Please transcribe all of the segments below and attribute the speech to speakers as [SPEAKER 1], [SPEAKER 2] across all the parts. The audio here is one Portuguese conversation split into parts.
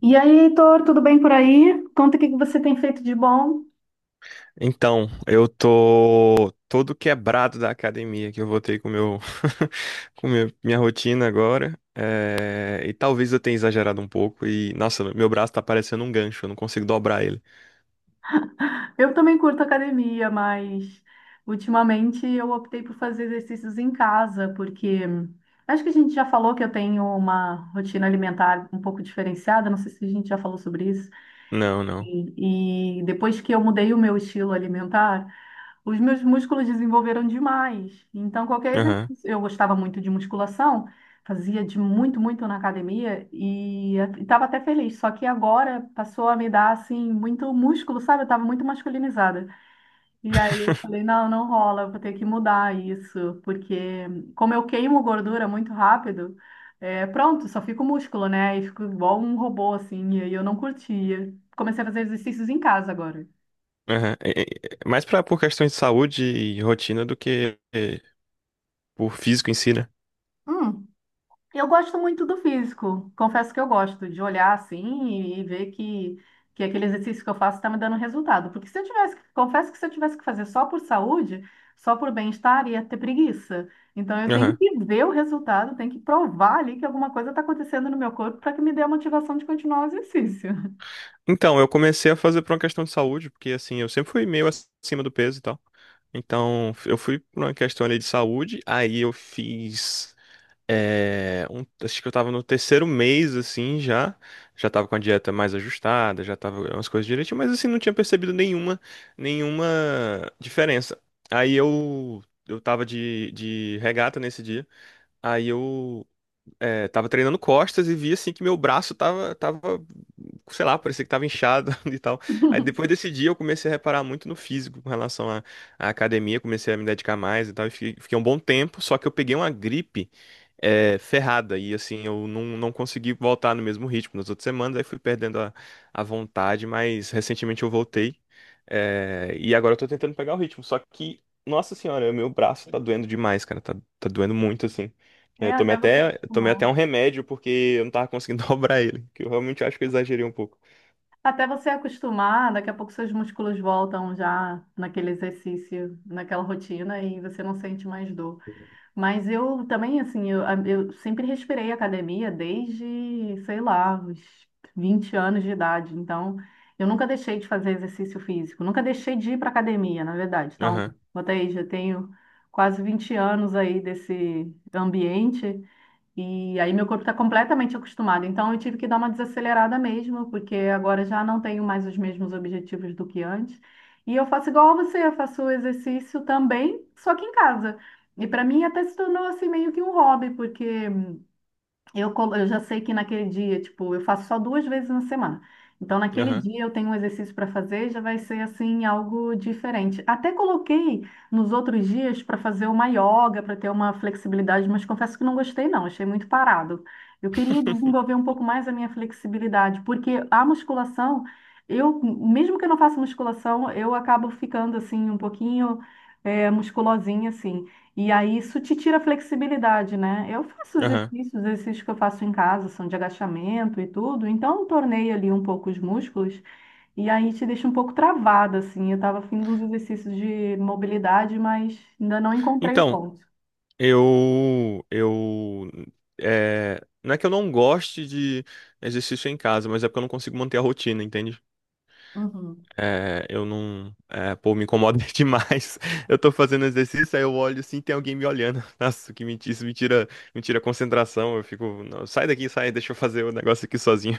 [SPEAKER 1] E aí, Heitor, tudo bem por aí? Conta o que que você tem feito de bom.
[SPEAKER 2] Então, eu tô todo quebrado da academia que eu voltei com meu com meu- minha rotina agora. E talvez eu tenha exagerado um pouco e nossa, meu braço tá parecendo um gancho, eu não consigo dobrar ele.
[SPEAKER 1] Eu também curto academia, mas ultimamente eu optei por fazer exercícios em casa, porque acho que a gente já falou que eu tenho uma rotina alimentar um pouco diferenciada, não sei se a gente já falou sobre isso.
[SPEAKER 2] Não, não.
[SPEAKER 1] E depois que eu mudei o meu estilo alimentar, os meus músculos desenvolveram demais. Então, qualquer
[SPEAKER 2] Aham.
[SPEAKER 1] exercício. Eu gostava muito de musculação, fazia de muito, muito na academia e estava até feliz. Só que agora passou a me dar, assim, muito músculo, sabe? Eu estava muito masculinizada. E aí eu falei: não, não rola, eu vou ter que mudar isso. Porque, como eu queimo gordura muito rápido, é, pronto, só fico músculo, né? E fico igual um robô, assim. E aí eu não curtia. Comecei a fazer exercícios em casa agora.
[SPEAKER 2] Aham. Mais pra, por questões de saúde e rotina do que por físico em si, né?
[SPEAKER 1] Hum. Eu gosto muito do físico. Confesso que eu gosto de olhar assim e ver que aquele exercício que eu faço está me dando resultado. Porque se eu tivesse, confesso que se eu tivesse que fazer só por saúde, só por bem-estar, ia ter preguiça. Então eu tenho
[SPEAKER 2] Aham.
[SPEAKER 1] que ver o resultado, tenho que provar ali que alguma coisa está acontecendo no meu corpo para que me dê a motivação de continuar o exercício.
[SPEAKER 2] Então, eu comecei a fazer por uma questão de saúde, porque assim, eu sempre fui meio acima do peso e tal. Então, eu fui por uma questão ali de saúde, aí eu fiz. Acho que eu tava no terceiro mês, assim, já. Já tava com a dieta mais ajustada, já tava umas coisas direitinho, mas assim, não tinha percebido nenhuma diferença. Aí eu tava de regata nesse dia. Aí eu tava treinando costas e vi assim que meu braço tava, sei lá, parecia que tava inchado e tal. Aí depois desse dia eu comecei a reparar muito no físico com relação à academia, comecei a me dedicar mais e tal. E fiquei um bom tempo, só que eu peguei uma gripe ferrada e assim eu não consegui voltar no mesmo ritmo nas outras semanas, aí fui perdendo a vontade, mas recentemente eu voltei. E agora eu tô tentando pegar o ritmo, só que, nossa senhora, meu braço tá doendo demais, cara, tá doendo muito assim.
[SPEAKER 1] É,
[SPEAKER 2] Eu tomei
[SPEAKER 1] até você
[SPEAKER 2] até, eu tomei
[SPEAKER 1] acostumar.
[SPEAKER 2] até um remédio porque eu não tava conseguindo dobrar ele, que eu realmente acho que eu exagerei um pouco.
[SPEAKER 1] Até você acostumar, daqui a pouco seus músculos voltam já naquele exercício, naquela rotina e você não sente mais dor. Mas eu também, assim, eu sempre respirei academia desde, sei lá, os 20 anos de idade. Então, eu nunca deixei de fazer exercício físico, nunca deixei de ir para academia, na verdade. Então,
[SPEAKER 2] Aham,
[SPEAKER 1] botei, já tenho quase 20 anos aí desse ambiente. E aí meu corpo está completamente acostumado. Então eu tive que dar uma desacelerada mesmo, porque agora já não tenho mais os mesmos objetivos do que antes. E eu faço igual a você, eu faço exercício também, só que em casa. E para mim até se tornou assim meio que um hobby, porque eu já sei que naquele dia, tipo, eu faço só 2 vezes na semana. Então, naquele
[SPEAKER 2] aham.
[SPEAKER 1] dia eu tenho um exercício para fazer, já vai ser assim algo diferente. Até coloquei nos outros dias para fazer uma yoga, para ter uma flexibilidade, mas confesso que não gostei não, achei muito parado. Eu queria desenvolver um pouco mais a minha flexibilidade, porque a musculação, eu, mesmo que eu não faça musculação, eu acabo ficando assim um pouquinho musculosinha assim. E aí isso te tira a flexibilidade, né? Eu faço
[SPEAKER 2] Aham.
[SPEAKER 1] exercícios, os exercícios que eu faço em casa são de agachamento e tudo, então eu tornei ali um pouco os músculos e aí te deixa um pouco travada, assim. Eu tava afim de uns exercícios de mobilidade, mas ainda não encontrei o
[SPEAKER 2] Então,
[SPEAKER 1] ponto.
[SPEAKER 2] eu não é que eu não goste de exercício em casa, mas é porque eu não consigo manter a rotina, entende?
[SPEAKER 1] Uhum.
[SPEAKER 2] É, eu não, é, Pô, me incomoda demais. Eu tô fazendo exercício, aí eu olho assim, tem alguém me olhando. Nossa, que mentira, isso me tira a concentração. Eu fico, "Não, sai daqui, sai, deixa eu fazer o negócio aqui sozinho."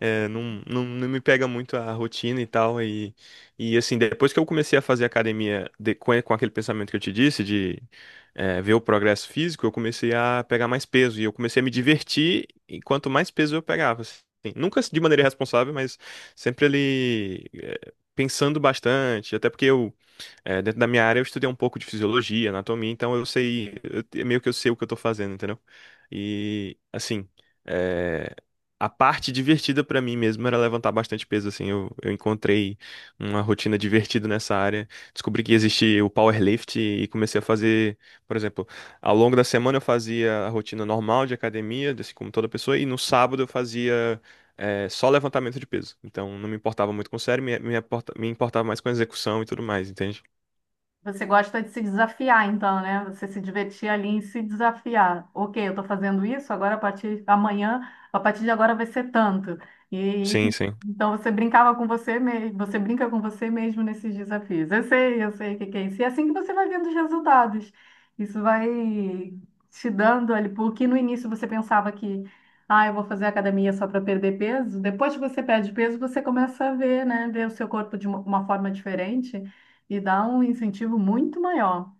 [SPEAKER 2] Não me pega muito a rotina e tal. E assim, depois que eu comecei a fazer academia com aquele pensamento que eu te disse, de ver o progresso físico, eu comecei a pegar mais peso. E eu comecei a me divertir e quanto mais peso eu pegava, assim. Nunca de maneira irresponsável, mas sempre ali pensando bastante. Até porque eu, dentro da minha área, eu estudei um pouco de fisiologia, anatomia, então eu sei, meio que eu sei o que eu tô fazendo, entendeu? E, assim, é, a parte divertida pra mim mesmo era levantar bastante peso, assim. Eu encontrei uma rotina divertida nessa área, descobri que existe o powerlift e comecei a fazer, por exemplo, ao longo da semana eu fazia a rotina normal de academia, assim como toda pessoa, e no sábado eu fazia só levantamento de peso. Então, não me importava muito com o sério, me importava mais com a execução e tudo mais, entende?
[SPEAKER 1] Você gosta de se desafiar, então, né? Você se divertir ali em se desafiar. Ok, eu estou fazendo isso, agora a partir amanhã, a partir de agora vai ser tanto. E
[SPEAKER 2] Sim, sim.
[SPEAKER 1] então você brincava com você mesmo, você brinca com você mesmo nesses desafios. Eu sei o que que é isso. E é assim que você vai vendo os resultados. Isso vai te dando ali, porque no início você pensava que, ah, eu vou fazer academia só para perder peso. Depois que você perde peso, você começa a ver, né? Ver o seu corpo de uma forma diferente e dá um incentivo muito maior.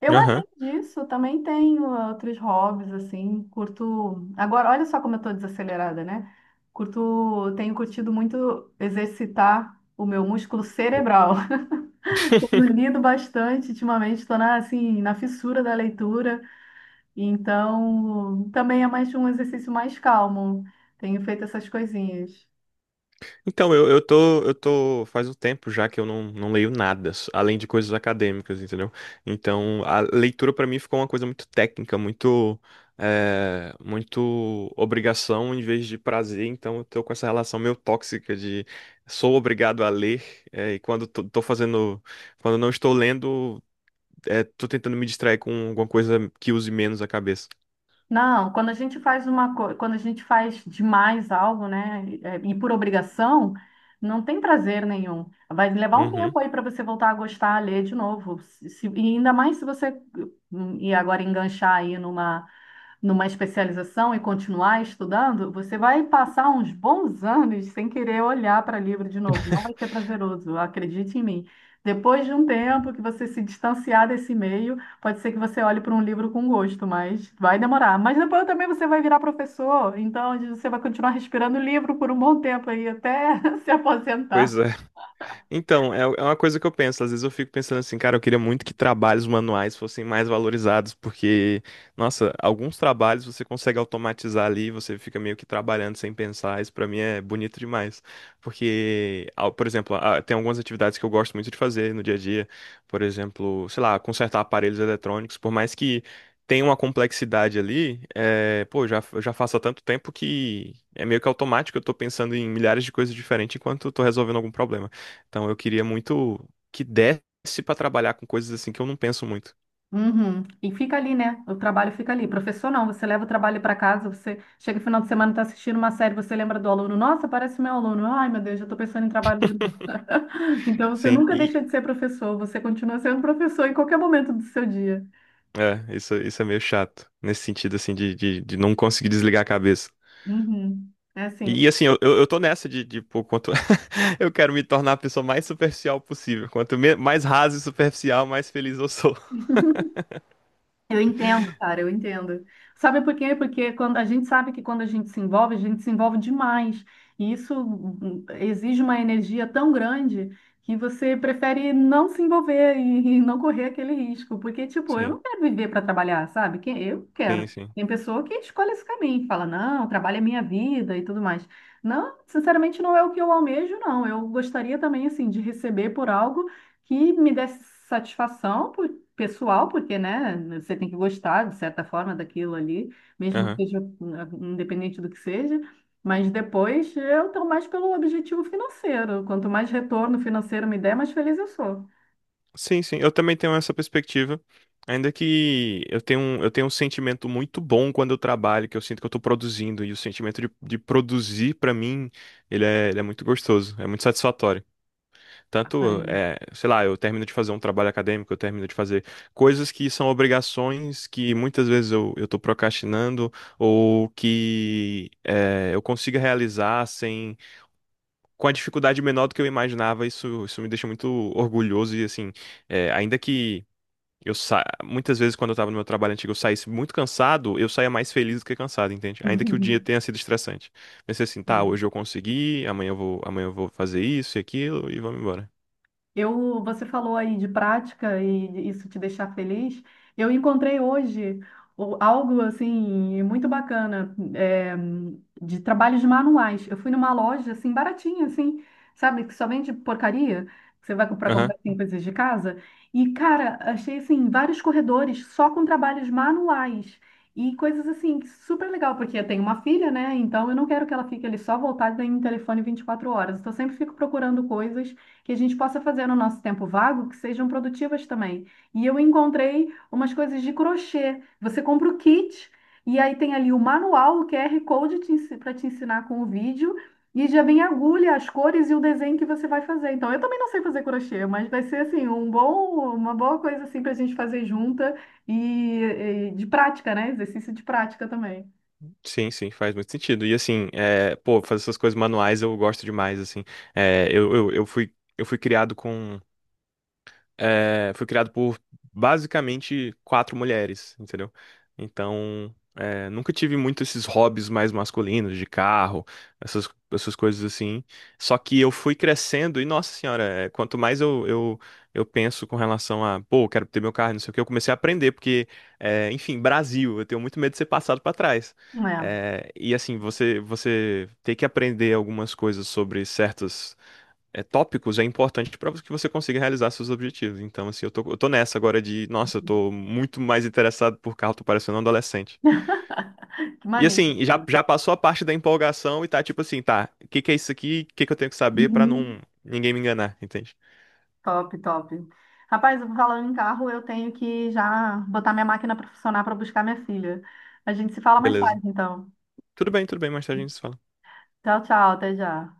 [SPEAKER 1] Eu,
[SPEAKER 2] Aham.
[SPEAKER 1] além disso, também tenho outros hobbies, assim, curto... Agora, olha só como eu tô desacelerada, né? Curto... Tenho curtido muito exercitar o meu músculo cerebral. Tenho lido bastante ultimamente, estou na, assim, na fissura da leitura, então também é mais um exercício mais calmo. Tenho feito essas coisinhas.
[SPEAKER 2] Então, eu tô, faz um tempo já que eu não leio nada, além de coisas acadêmicas, entendeu? Então, a leitura pra mim ficou uma coisa muito técnica, muito obrigação em vez de prazer. Então, eu tô com essa relação meio tóxica de sou obrigado a ler, e quando tô fazendo, quando não estou lendo, tô tentando me distrair com alguma coisa que use menos a cabeça.
[SPEAKER 1] Não, quando a gente faz uma coisa, quando a gente faz demais algo, né, e por obrigação, não tem prazer nenhum. Vai levar um
[SPEAKER 2] Uhum.
[SPEAKER 1] tempo aí para você voltar a gostar, a ler de novo. E ainda mais se você e agora enganchar aí numa especialização e continuar estudando, você vai passar uns bons anos sem querer olhar para livro de novo. Não vai ser prazeroso, acredite em mim. Depois de um tempo que você se distanciar desse meio, pode ser que você olhe para um livro com gosto, mas vai demorar. Mas depois também você vai virar professor, então você vai continuar respirando livro por um bom tempo aí, até se
[SPEAKER 2] Pois
[SPEAKER 1] aposentar.
[SPEAKER 2] é. Então, é é uma coisa que eu penso. Às vezes eu fico pensando assim, cara, eu queria muito que trabalhos manuais fossem mais valorizados, porque, nossa, alguns trabalhos você consegue automatizar ali, você fica meio que trabalhando sem pensar. Isso pra mim é bonito demais. Porque, por exemplo, ah, tem algumas atividades que eu gosto muito de fazer no dia a dia. Por exemplo, sei lá, consertar aparelhos eletrônicos, por mais que tenha uma complexidade ali, eu já faço há tanto tempo que é meio que automático, eu tô pensando em milhares de coisas diferentes enquanto eu tô resolvendo algum problema. Então eu queria muito que desse pra trabalhar com coisas assim que eu não penso muito.
[SPEAKER 1] Uhum. E fica ali, né? O trabalho fica ali. Professor, não, você leva o trabalho para casa, você chega no final de semana, está assistindo uma série, você lembra do aluno, nossa, parece meu aluno. Ai, meu Deus, já estou pensando em trabalho de novo. Então você
[SPEAKER 2] Sim,
[SPEAKER 1] nunca
[SPEAKER 2] e
[SPEAKER 1] deixa de ser professor, você continua sendo professor em qualquer momento do seu dia.
[SPEAKER 2] isso é meio chato, nesse sentido assim de não conseguir desligar a cabeça.
[SPEAKER 1] Uhum. É assim.
[SPEAKER 2] E, assim, eu tô nessa de pô, quanto eu quero me tornar a pessoa mais superficial possível. Quanto mais raso e superficial, mais feliz eu sou.
[SPEAKER 1] Eu entendo, cara, eu entendo. Sabe por quê? Porque quando a gente sabe que quando a gente se envolve, a gente se envolve demais. E isso exige uma energia tão grande que você prefere não se envolver e não correr aquele risco. Porque, tipo, eu
[SPEAKER 2] Sim,
[SPEAKER 1] não quero viver para trabalhar, sabe? Quem- Eu quero.
[SPEAKER 2] sim, sim.
[SPEAKER 1] Tem pessoa que escolhe esse caminho, que fala, não, trabalho é minha vida e tudo mais. Não, sinceramente, não é o que eu almejo, não. Eu gostaria também, assim, de receber por algo que me desse satisfação, pessoal, porque, né, você tem que gostar, de certa forma, daquilo ali, mesmo
[SPEAKER 2] Aham.
[SPEAKER 1] que seja independente do que seja, mas depois eu estou mais pelo objetivo financeiro. Quanto mais retorno financeiro me der, mais feliz eu sou.
[SPEAKER 2] Sim, sim, eu também tenho essa perspectiva. Ainda que eu tenho um sentimento muito bom quando eu trabalho, que eu sinto que eu estou produzindo, e o sentimento de produzir, para mim, ele é muito gostoso, é muito satisfatório. Tanto,
[SPEAKER 1] Ai.
[SPEAKER 2] é, sei lá, eu termino de fazer um trabalho acadêmico, eu termino de fazer coisas que são obrigações que muitas vezes eu estou procrastinando, ou que é, eu consiga realizar sem, com a dificuldade menor do que eu imaginava, isso me deixa muito orgulhoso, e assim, é, ainda que. Eu Muitas vezes, quando eu tava no meu trabalho antigo, eu saísse muito cansado, eu saía mais feliz do que cansado, entende? Ainda que o dia tenha sido estressante. Pensei assim, tá, hoje eu consegui, amanhã eu vou fazer isso e aquilo e vamos embora.
[SPEAKER 1] Eu, você falou aí de prática e isso te deixar feliz. Eu encontrei hoje algo assim muito bacana é, de trabalhos manuais. Eu fui numa loja assim baratinha, assim, sabe, que só vende porcaria. Que você vai comprar
[SPEAKER 2] Aham.
[SPEAKER 1] assim, coisas de casa. E cara, achei assim vários corredores só com trabalhos manuais e coisas assim que super legal porque eu tenho uma filha, né? Então eu não quero que ela fique ali só voltada em telefone 24 horas. Então eu sempre fico procurando coisas que a gente possa fazer no nosso tempo vago que sejam produtivas também. E eu encontrei umas coisas de crochê. Você compra o kit e aí tem ali o manual, o QR Code para te ensinar com o vídeo. E já vem a agulha, as cores e o desenho que você vai fazer. Então, eu também não sei fazer crochê, mas vai ser assim um bom, uma boa coisa assim para a gente fazer junta e de prática, né? Exercício de prática também.
[SPEAKER 2] Sim, sim, faz muito sentido. E assim, é, pô, fazer essas coisas manuais eu gosto demais, assim. Eu fui criado com foi criado por basicamente quatro mulheres, entendeu? Então, é, nunca tive muito esses hobbies mais masculinos, de carro, essas coisas assim. Só que eu fui crescendo e, nossa senhora, é, quanto mais eu penso com relação a, pô, quero ter meu carro, não sei o que, eu comecei a aprender, porque, enfim, Brasil, eu tenho muito medo de ser passado para trás.
[SPEAKER 1] É,
[SPEAKER 2] E assim, você tem que aprender algumas coisas sobre certas tópicos é importante para que você consiga realizar seus objetivos. Então, assim, eu tô nessa agora de, nossa, eu tô muito mais interessado por carro, tô parecendo um adolescente.
[SPEAKER 1] que
[SPEAKER 2] E
[SPEAKER 1] maneiro,
[SPEAKER 2] assim, já,
[SPEAKER 1] cara.
[SPEAKER 2] já passou a parte da empolgação e tá tipo assim, tá, o que que é isso aqui? O que que eu tenho que saber para não
[SPEAKER 1] Uhum.
[SPEAKER 2] ninguém me enganar, entende?
[SPEAKER 1] Top, top. Rapaz, falando em carro, eu tenho que já botar minha máquina para funcionar para buscar minha filha. A gente se fala mais
[SPEAKER 2] Beleza.
[SPEAKER 1] tarde, então.
[SPEAKER 2] Tudo bem, mais tarde a gente se fala.
[SPEAKER 1] Tchau, tchau, até já.